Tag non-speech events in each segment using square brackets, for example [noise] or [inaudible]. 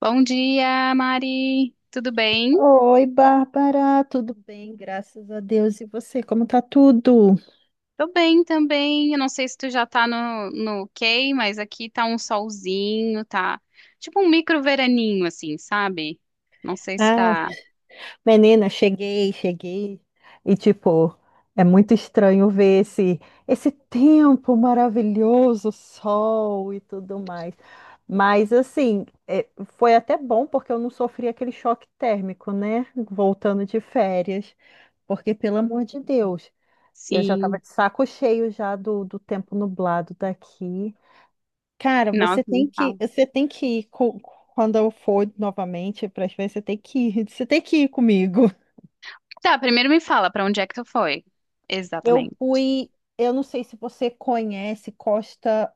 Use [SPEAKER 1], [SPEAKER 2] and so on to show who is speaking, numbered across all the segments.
[SPEAKER 1] Bom dia, Mari. Tudo bem?
[SPEAKER 2] Oi, Bárbara, tudo bem? Graças a Deus. E você, como tá tudo?
[SPEAKER 1] Tô bem também. Eu não sei se tu já tá no ok, mas aqui tá um solzinho, tá tipo um micro veraninho, assim, sabe? Não sei se
[SPEAKER 2] Ah,
[SPEAKER 1] tá.
[SPEAKER 2] menina, cheguei. E tipo, é muito estranho ver esse tempo maravilhoso, sol e tudo mais. Mas assim, é, foi até bom porque eu não sofri aquele choque térmico, né? Voltando de férias, porque pelo amor de Deus, eu já tava
[SPEAKER 1] Sim.
[SPEAKER 2] de saco cheio já do tempo nublado daqui. Cara,
[SPEAKER 1] Nossa, me fala.
[SPEAKER 2] você tem que ir quando eu for novamente para as vezes, você tem que ir comigo.
[SPEAKER 1] Tá, primeiro me fala pra onde é que tu foi.
[SPEAKER 2] Eu
[SPEAKER 1] Exatamente.
[SPEAKER 2] fui, eu não sei se você conhece Costa,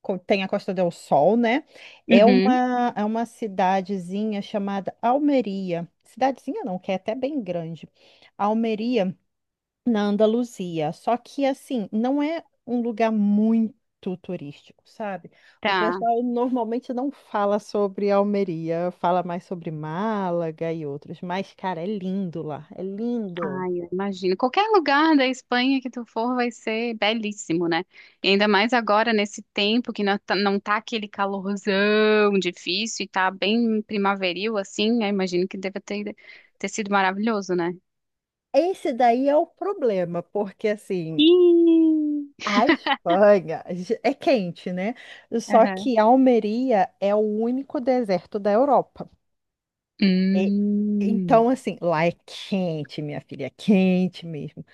[SPEAKER 2] co- tem a Costa del Sol, né?
[SPEAKER 1] Uhum,
[SPEAKER 2] É uma cidadezinha chamada Almeria. Cidadezinha não, que é até bem grande. Almeria na Andaluzia. Só que, assim, não é um lugar muito turístico, sabe? O
[SPEAKER 1] tá.
[SPEAKER 2] pessoal normalmente não fala sobre Almeria, fala mais sobre Málaga e outros. Mas, cara, é lindo lá, é lindo.
[SPEAKER 1] Ai, eu imagino. Qualquer lugar da Espanha que tu for vai ser belíssimo, né? E ainda mais agora, nesse tempo que não tá aquele calorzão difícil e tá bem primaveril, assim, eu imagino que ter sido maravilhoso, né?
[SPEAKER 2] Esse daí é o problema, porque, assim.
[SPEAKER 1] Ih!
[SPEAKER 2] A Espanha é quente, né? Só
[SPEAKER 1] Aham.
[SPEAKER 2] que Almeria é o único deserto da Europa. E-
[SPEAKER 1] Hum,
[SPEAKER 2] Então, assim, lá é quente, minha filha, é quente mesmo.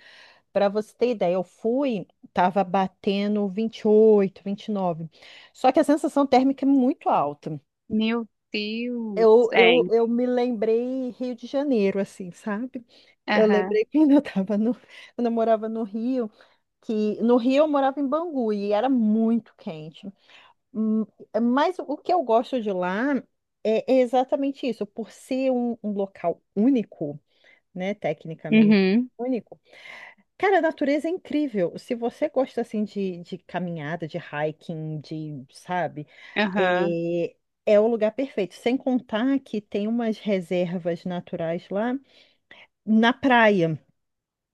[SPEAKER 2] Para você ter ideia, eu fui, tava batendo 28, 29. Só que a sensação térmica é muito alta.
[SPEAKER 1] meu Deus.
[SPEAKER 2] Eu,
[SPEAKER 1] É.
[SPEAKER 2] eu, eu me lembrei Rio de Janeiro, assim, sabe? Eu
[SPEAKER 1] Aham.
[SPEAKER 2] lembrei [laughs] quando eu tava quando eu morava no Rio, que no Rio eu morava em Bangu e era muito quente. Hum, Mas o que eu gosto de lá é exatamente isso, por ser um local único, né, tecnicamente
[SPEAKER 1] Uhum.
[SPEAKER 2] único. Cara, a natureza é incrível. Se você gosta assim de caminhada, de hiking, de, sabe,
[SPEAKER 1] Aham.
[SPEAKER 2] é, é o lugar perfeito. Sem contar que tem umas reservas naturais lá na praia.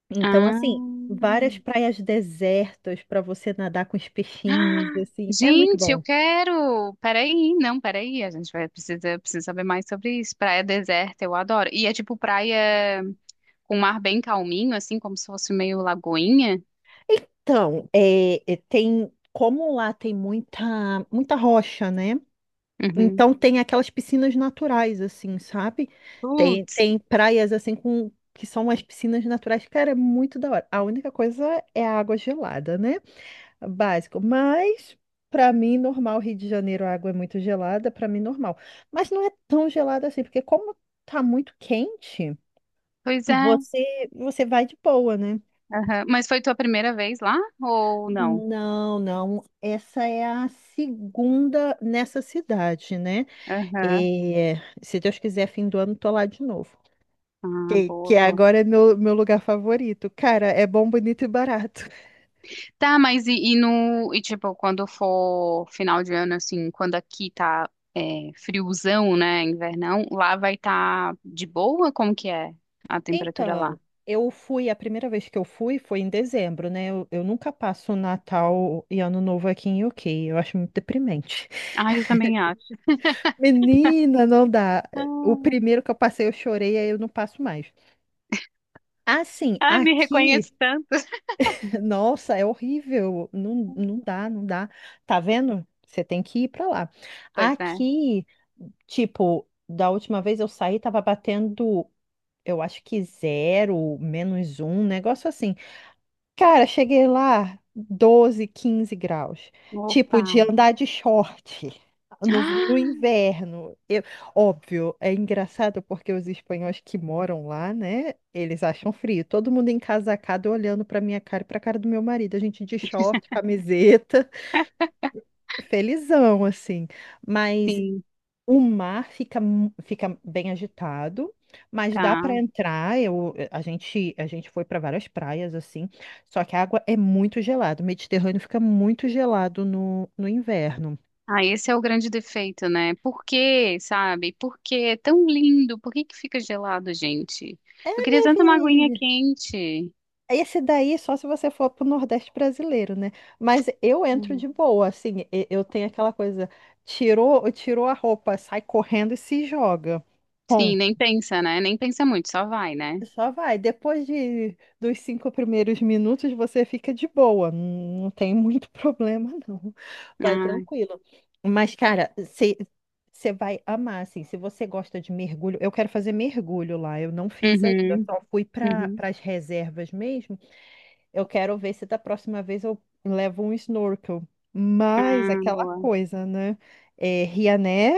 [SPEAKER 2] Então,
[SPEAKER 1] Ah.
[SPEAKER 2] assim, várias praias desertas para você nadar com os peixinhos, assim, é muito
[SPEAKER 1] Gente, eu
[SPEAKER 2] bom.
[SPEAKER 1] quero. Peraí, não, peraí. A gente vai precisa saber mais sobre isso. Praia deserta, eu adoro. E é tipo praia com mar bem calminho, assim, como se fosse meio lagoinha.
[SPEAKER 2] Então, é, tem como lá tem muita muita rocha, né?
[SPEAKER 1] Uhum.
[SPEAKER 2] Então tem aquelas piscinas naturais, assim, sabe?
[SPEAKER 1] Putz,
[SPEAKER 2] Tem praias assim com que são as piscinas naturais, cara, é muito da hora. A única coisa é a água gelada, né? Básico. Mas pra mim normal, Rio de Janeiro, a água é muito gelada, pra mim normal. Mas não é tão gelada assim, porque como tá muito quente,
[SPEAKER 1] pois é.
[SPEAKER 2] você vai de boa, né?
[SPEAKER 1] Aham. Mas foi tua primeira vez lá ou não?
[SPEAKER 2] Não, não. Essa é a segunda nessa cidade, né?
[SPEAKER 1] Aham.
[SPEAKER 2] E se Deus quiser, fim do ano, tô lá de novo.
[SPEAKER 1] Ah,
[SPEAKER 2] Que
[SPEAKER 1] boa, boa.
[SPEAKER 2] agora é meu lugar favorito. Cara, é bom, bonito e barato. [laughs]
[SPEAKER 1] Tá, mas e no. E tipo, quando for final de ano, assim, quando aqui tá friozão, né? Invernão, lá vai estar tá de boa? Como que é a temperatura lá?
[SPEAKER 2] Então, eu fui, a primeira vez que eu fui foi em dezembro, né? Eu nunca passo Natal e Ano Novo aqui em UK. Eu acho muito deprimente.
[SPEAKER 1] Ah, eu também acho.
[SPEAKER 2] [laughs] Menina, não dá. O
[SPEAKER 1] Ah,
[SPEAKER 2] primeiro que eu passei, eu chorei, aí eu não passo mais. Assim,
[SPEAKER 1] ai, me
[SPEAKER 2] aqui.
[SPEAKER 1] reconheço tanto.
[SPEAKER 2] Nossa, é horrível. Não, não dá, não dá. Tá vendo? Você tem que ir pra lá.
[SPEAKER 1] Pois é.
[SPEAKER 2] Aqui, tipo, da última vez eu saí, tava batendo, eu acho que zero, menos um, um negócio assim. Cara, cheguei lá 12, 15 graus. Tipo,
[SPEAKER 1] Opa.
[SPEAKER 2] de
[SPEAKER 1] [gasps]
[SPEAKER 2] andar de short no
[SPEAKER 1] Ah,
[SPEAKER 2] inverno. Óbvio, é engraçado porque os espanhóis que moram lá, né? Eles acham frio. Todo mundo encasacado olhando pra minha cara e pra cara do meu marido. A gente de short, camiseta, [laughs] felizão, assim. Mas
[SPEAKER 1] sim,
[SPEAKER 2] o mar fica, fica bem agitado, mas dá para
[SPEAKER 1] tá.
[SPEAKER 2] entrar. A gente foi para várias praias assim, só que a água é muito gelada. O Mediterrâneo fica muito gelado no inverno.
[SPEAKER 1] Ah, esse é o grande defeito, né? Por quê, sabe? Por que é tão lindo? Por que que fica gelado, gente?
[SPEAKER 2] É,
[SPEAKER 1] Eu queria
[SPEAKER 2] minha
[SPEAKER 1] tanto uma aguinha
[SPEAKER 2] filha.
[SPEAKER 1] quente.
[SPEAKER 2] Esse daí só se você for pro Nordeste brasileiro, né? Mas eu entro de boa, assim, eu tenho aquela coisa, tirou a roupa, sai correndo e se joga.
[SPEAKER 1] Sim,
[SPEAKER 2] Ponto.
[SPEAKER 1] nem pensa, né? Nem pensa muito, só vai, né?
[SPEAKER 2] Só vai. Dos cinco primeiros minutos, você fica de boa. Não, não tem muito [laughs] problema, não. Vai
[SPEAKER 1] Ah,
[SPEAKER 2] tranquilo. Mas, cara, você vai amar, assim. Se você gosta de mergulho, eu quero fazer mergulho lá. Eu não fiz ainda,
[SPEAKER 1] uhum,
[SPEAKER 2] só fui para
[SPEAKER 1] uhum.
[SPEAKER 2] as reservas mesmo. Eu quero ver se da próxima vez eu levo um snorkel. Mas
[SPEAKER 1] Ah,
[SPEAKER 2] aquela
[SPEAKER 1] boa.
[SPEAKER 2] coisa, né? É, Riané,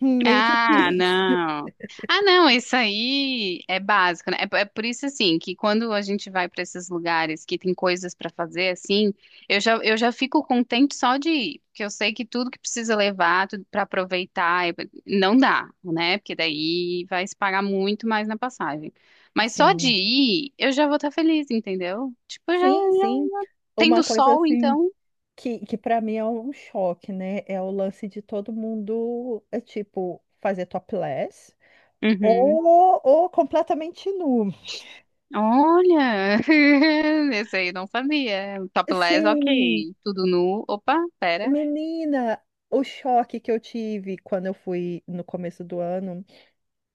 [SPEAKER 2] meio
[SPEAKER 1] Ah,
[SPEAKER 2] difícil.
[SPEAKER 1] não. Ah, não, isso aí é básico, né? É, é por isso, assim, que quando a gente vai para esses lugares que tem coisas para fazer, assim, eu já fico contente só de ir, porque eu sei que tudo que precisa levar, tudo para aproveitar, é- não dá, né? Porque daí vai se pagar muito mais na passagem.
[SPEAKER 2] [laughs]
[SPEAKER 1] Mas só de
[SPEAKER 2] Sim,
[SPEAKER 1] ir, eu já vou estar feliz, entendeu? Tipo, já,
[SPEAKER 2] sim.
[SPEAKER 1] já.
[SPEAKER 2] Uma
[SPEAKER 1] Tendo
[SPEAKER 2] coisa
[SPEAKER 1] sol,
[SPEAKER 2] assim.
[SPEAKER 1] então?
[SPEAKER 2] Que para mim é um choque, né? É o lance de todo mundo, é tipo, fazer topless
[SPEAKER 1] Uhum.
[SPEAKER 2] ou completamente nu.
[SPEAKER 1] Olha, [laughs] esse aí eu não sabia. Topless,
[SPEAKER 2] Sim,
[SPEAKER 1] ok. Tudo nu. Opa, pera.
[SPEAKER 2] menina, o choque que eu tive quando eu fui no começo do ano.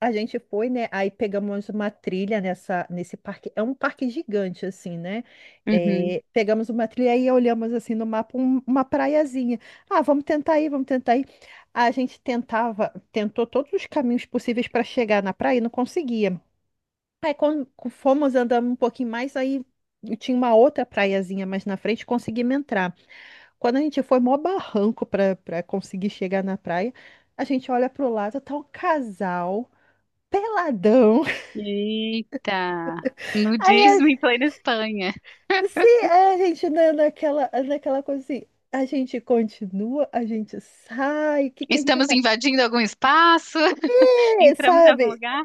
[SPEAKER 2] A gente foi, né? Aí pegamos uma trilha nesse parque. É um parque gigante, assim, né?
[SPEAKER 1] Uhum.
[SPEAKER 2] É, pegamos uma trilha e olhamos assim no mapa uma praiazinha. Ah, vamos tentar ir. A gente tentou todos os caminhos possíveis para chegar na praia e não conseguia. Aí quando fomos andando um pouquinho mais, aí tinha uma outra praiazinha mais na frente, conseguimos entrar. Quando a gente foi, mó barranco para conseguir chegar na praia. A gente olha para o lado, tá um casal peladão.
[SPEAKER 1] Eita. Nudismo
[SPEAKER 2] Aí,
[SPEAKER 1] em plena Espanha.
[SPEAKER 2] a- se a gente na, naquela, naquela coisa assim, a gente continua, a gente sai, o que que a gente
[SPEAKER 1] Estamos
[SPEAKER 2] faz?
[SPEAKER 1] invadindo algum espaço? [laughs]
[SPEAKER 2] É,
[SPEAKER 1] Entramos em algum
[SPEAKER 2] sabe?
[SPEAKER 1] lugar?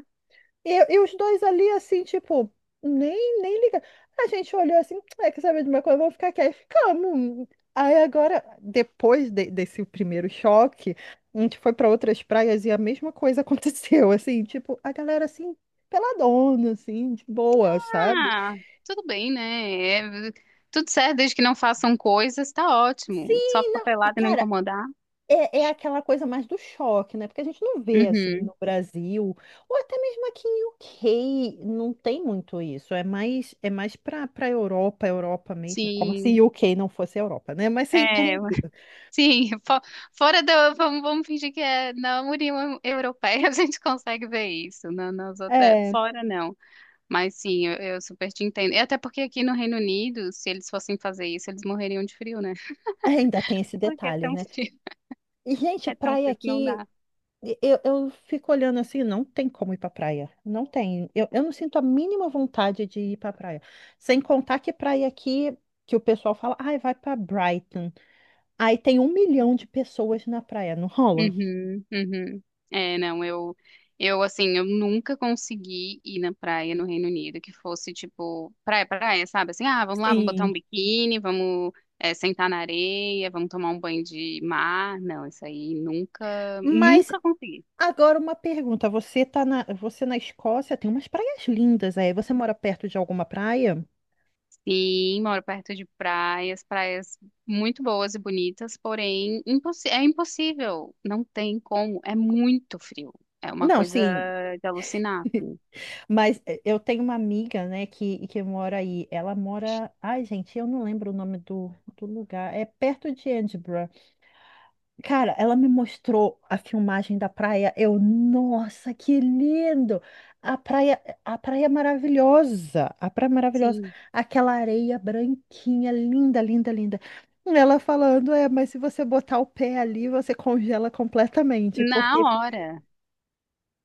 [SPEAKER 2] E os dois ali, assim, tipo, nem liga. A gente olhou assim, é que sabe de uma coisa, vamos ficar aqui. Aí ficamos. Aí agora, desse primeiro choque, a gente foi para outras praias e a mesma coisa [laughs] aconteceu, assim, tipo, a galera assim, peladona, assim, de boa, sabe?
[SPEAKER 1] Ah, tudo bem, né? É, tudo certo, desde que não façam coisas, tá ótimo. Só
[SPEAKER 2] Sim,
[SPEAKER 1] ficar
[SPEAKER 2] não. E,
[SPEAKER 1] pelado e não
[SPEAKER 2] cara,
[SPEAKER 1] incomodar.
[SPEAKER 2] é, é aquela coisa mais do choque, né? Porque a gente não vê assim no
[SPEAKER 1] Uhum.
[SPEAKER 2] Brasil, ou até mesmo aqui em UK, não tem muito isso. É mais para Europa, Europa mesmo, como
[SPEAKER 1] Sim.
[SPEAKER 2] se UK não fosse Europa, né? Mas você
[SPEAKER 1] É,
[SPEAKER 2] entendeu.
[SPEAKER 1] Sim, fo- fora da. Vamos, vamos fingir que é na União Europeia [laughs] a gente consegue ver isso. Na, nas outras,
[SPEAKER 2] É,
[SPEAKER 1] fora não. Mas sim, eu super te entendo. E até porque aqui no Reino Unido, se eles fossem fazer isso, eles morreriam de frio, né? [laughs]
[SPEAKER 2] ainda tem esse
[SPEAKER 1] Porque
[SPEAKER 2] detalhe, né? E, gente,
[SPEAKER 1] é tão
[SPEAKER 2] praia
[SPEAKER 1] frio que não
[SPEAKER 2] aqui,
[SPEAKER 1] dá.
[SPEAKER 2] eu fico olhando assim, não tem como ir pra praia. Não tem. Eu não sinto a mínima vontade de ir pra praia. Sem contar que praia aqui, que o pessoal fala, ai, vai pra Brighton. Aí tem um milhão de pessoas na praia, não rola?
[SPEAKER 1] Uhum, uhum. É, não, assim, eu nunca consegui ir na praia no Reino Unido que fosse, tipo, praia, praia, sabe? Assim, ah, vamos lá, vamos botar
[SPEAKER 2] Sim.
[SPEAKER 1] um biquíni, vamos, sentar na areia, vamos tomar um banho de mar. Não, isso aí nunca,
[SPEAKER 2] Mas
[SPEAKER 1] nunca consegui.
[SPEAKER 2] agora uma pergunta, você na Escócia tem umas praias lindas aí, você mora perto de alguma praia?
[SPEAKER 1] Sim, moro perto de praias, praias muito boas e bonitas, porém, impossi é impossível, não tem como, é muito frio. É uma
[SPEAKER 2] Não,
[SPEAKER 1] coisa
[SPEAKER 2] sim,
[SPEAKER 1] de alucinar, assim.
[SPEAKER 2] mas eh, eu tenho uma amiga, né, que mora aí, ela mora, ai gente, eu não lembro o nome do lugar, é perto de Edinburgh. Cara, ela me mostrou a filmagem da praia. Eu, nossa, que lindo! A praia é maravilhosa, a praia é maravilhosa,
[SPEAKER 1] Sim,
[SPEAKER 2] aquela areia branquinha, linda. Ela falando, é, mas se você botar o pé ali, você congela completamente,
[SPEAKER 1] na
[SPEAKER 2] porque
[SPEAKER 1] hora.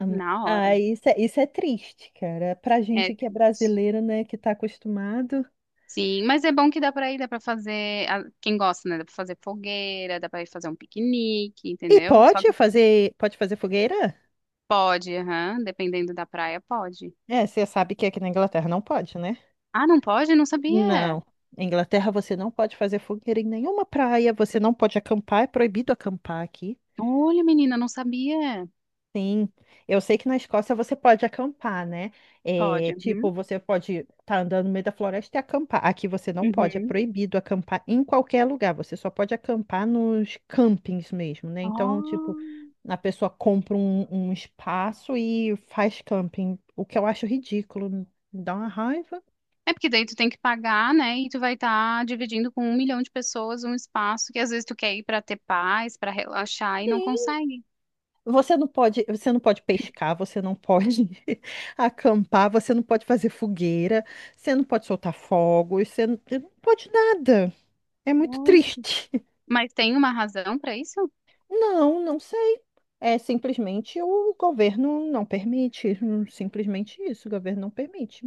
[SPEAKER 2] hum,
[SPEAKER 1] Na
[SPEAKER 2] ah,
[SPEAKER 1] hora.
[SPEAKER 2] isso é triste, cara. Pra
[SPEAKER 1] É
[SPEAKER 2] gente que é
[SPEAKER 1] triste.
[SPEAKER 2] brasileiro, né, que tá acostumado.
[SPEAKER 1] Sim, mas é bom que dá pra ir, dá pra fazer. A- Quem gosta, né? Dá pra fazer fogueira, dá pra ir fazer um piquenique,
[SPEAKER 2] E
[SPEAKER 1] entendeu? Só que
[SPEAKER 2] pode fazer fogueira?
[SPEAKER 1] pode, aham. Dependendo da praia, pode.
[SPEAKER 2] É, você sabe que aqui na Inglaterra não pode, né?
[SPEAKER 1] Ah, não pode? Não sabia.
[SPEAKER 2] Não. Na Inglaterra você não pode fazer fogueira em nenhuma praia, você não pode acampar, é proibido acampar aqui.
[SPEAKER 1] Olha, menina, não sabia.
[SPEAKER 2] Sim, eu sei que na Escócia você pode acampar, né? É,
[SPEAKER 1] Pode, uhum.
[SPEAKER 2] tipo, você pode estar andando no meio da floresta e acampar. Aqui você não pode, é
[SPEAKER 1] Uhum.
[SPEAKER 2] proibido acampar em qualquer lugar. Você só pode acampar nos campings mesmo, né?
[SPEAKER 1] Ó.
[SPEAKER 2] Então, tipo, a pessoa compra um espaço e faz camping, o que eu acho ridículo, me dá uma raiva.
[SPEAKER 1] É porque daí tu tem que pagar, né? E tu vai estar dividindo com um milhão de pessoas um espaço que às vezes tu quer ir pra ter paz, pra relaxar e não
[SPEAKER 2] Sim.
[SPEAKER 1] consegue.
[SPEAKER 2] Você não pode pescar, você não pode [laughs] acampar, você não pode fazer fogueira, você não pode soltar fogos, você não, não pode nada. É muito
[SPEAKER 1] Olha.
[SPEAKER 2] triste. [laughs]
[SPEAKER 1] Mas tem uma razão pra isso?
[SPEAKER 2] Não, não sei. É simplesmente o governo não permite. Simplesmente isso, o governo não permite.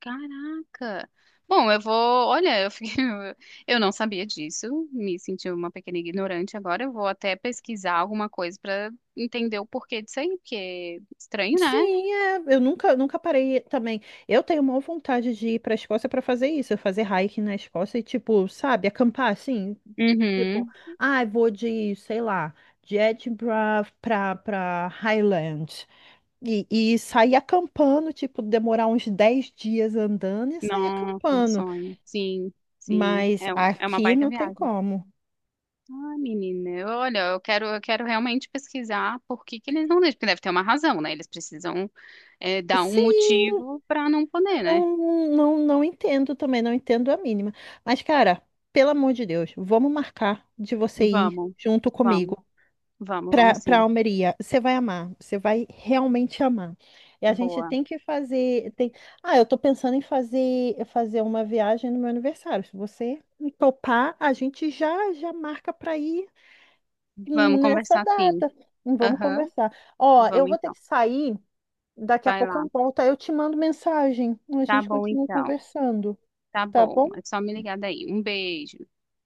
[SPEAKER 1] Caraca! Bom, eu vou. Olha, eu fiquei... [laughs] eu não sabia disso, me senti uma pequena ignorante agora. Eu vou até pesquisar alguma coisa pra entender o porquê disso aí, porque estranho, né?
[SPEAKER 2] Sim, é, eu nunca, nunca parei também. Eu tenho maior vontade de ir para a Escócia para fazer isso, eu fazer hiking na Escócia e tipo, sabe, acampar assim, tipo,
[SPEAKER 1] Uhum.
[SPEAKER 2] ah, vou de, sei lá, de Edinburgh pra Highland. E, e sair acampando, tipo, demorar uns 10 dias andando e sair
[SPEAKER 1] Nossa, um
[SPEAKER 2] acampando.
[SPEAKER 1] sonho. Sim, sim.
[SPEAKER 2] Mas
[SPEAKER 1] É, um- é uma
[SPEAKER 2] aqui
[SPEAKER 1] baita
[SPEAKER 2] não tem
[SPEAKER 1] viagem.
[SPEAKER 2] como.
[SPEAKER 1] Ah, menina, eu- olha, eu quero realmente pesquisar por que que eles não deixam, porque deve ter uma razão, né? Eles precisam, dar um
[SPEAKER 2] Sim,
[SPEAKER 1] motivo pra não poder, né?
[SPEAKER 2] não, não, não entendo também, não entendo a mínima. Mas, cara, pelo amor de Deus, vamos marcar de você ir
[SPEAKER 1] Vamos,
[SPEAKER 2] junto
[SPEAKER 1] vamos,
[SPEAKER 2] comigo.
[SPEAKER 1] vamos, vamos
[SPEAKER 2] Para
[SPEAKER 1] sim.
[SPEAKER 2] Almeria. Você vai amar, você vai realmente amar. E a gente
[SPEAKER 1] Boa.
[SPEAKER 2] tem que fazer, tem... Ah, eu tô pensando em fazer uma viagem no meu aniversário. Se você me topar, a gente já marca para ir
[SPEAKER 1] Vamos
[SPEAKER 2] nessa
[SPEAKER 1] conversar sim.
[SPEAKER 2] data. Vamos
[SPEAKER 1] Aham,
[SPEAKER 2] conversar. Ó, eu
[SPEAKER 1] vamos
[SPEAKER 2] vou ter
[SPEAKER 1] então.
[SPEAKER 2] que sair, daqui a
[SPEAKER 1] Vai
[SPEAKER 2] pouco
[SPEAKER 1] lá.
[SPEAKER 2] eu volto, aí eu te mando mensagem. A
[SPEAKER 1] Tá
[SPEAKER 2] gente
[SPEAKER 1] bom
[SPEAKER 2] continua
[SPEAKER 1] então.
[SPEAKER 2] conversando,
[SPEAKER 1] Tá
[SPEAKER 2] tá
[SPEAKER 1] bom.
[SPEAKER 2] bom?
[SPEAKER 1] É só me ligar daí. Um beijo.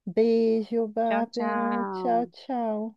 [SPEAKER 2] Beijo,
[SPEAKER 1] Tchau,
[SPEAKER 2] Bárbara. Tchau,
[SPEAKER 1] tchau.
[SPEAKER 2] tchau.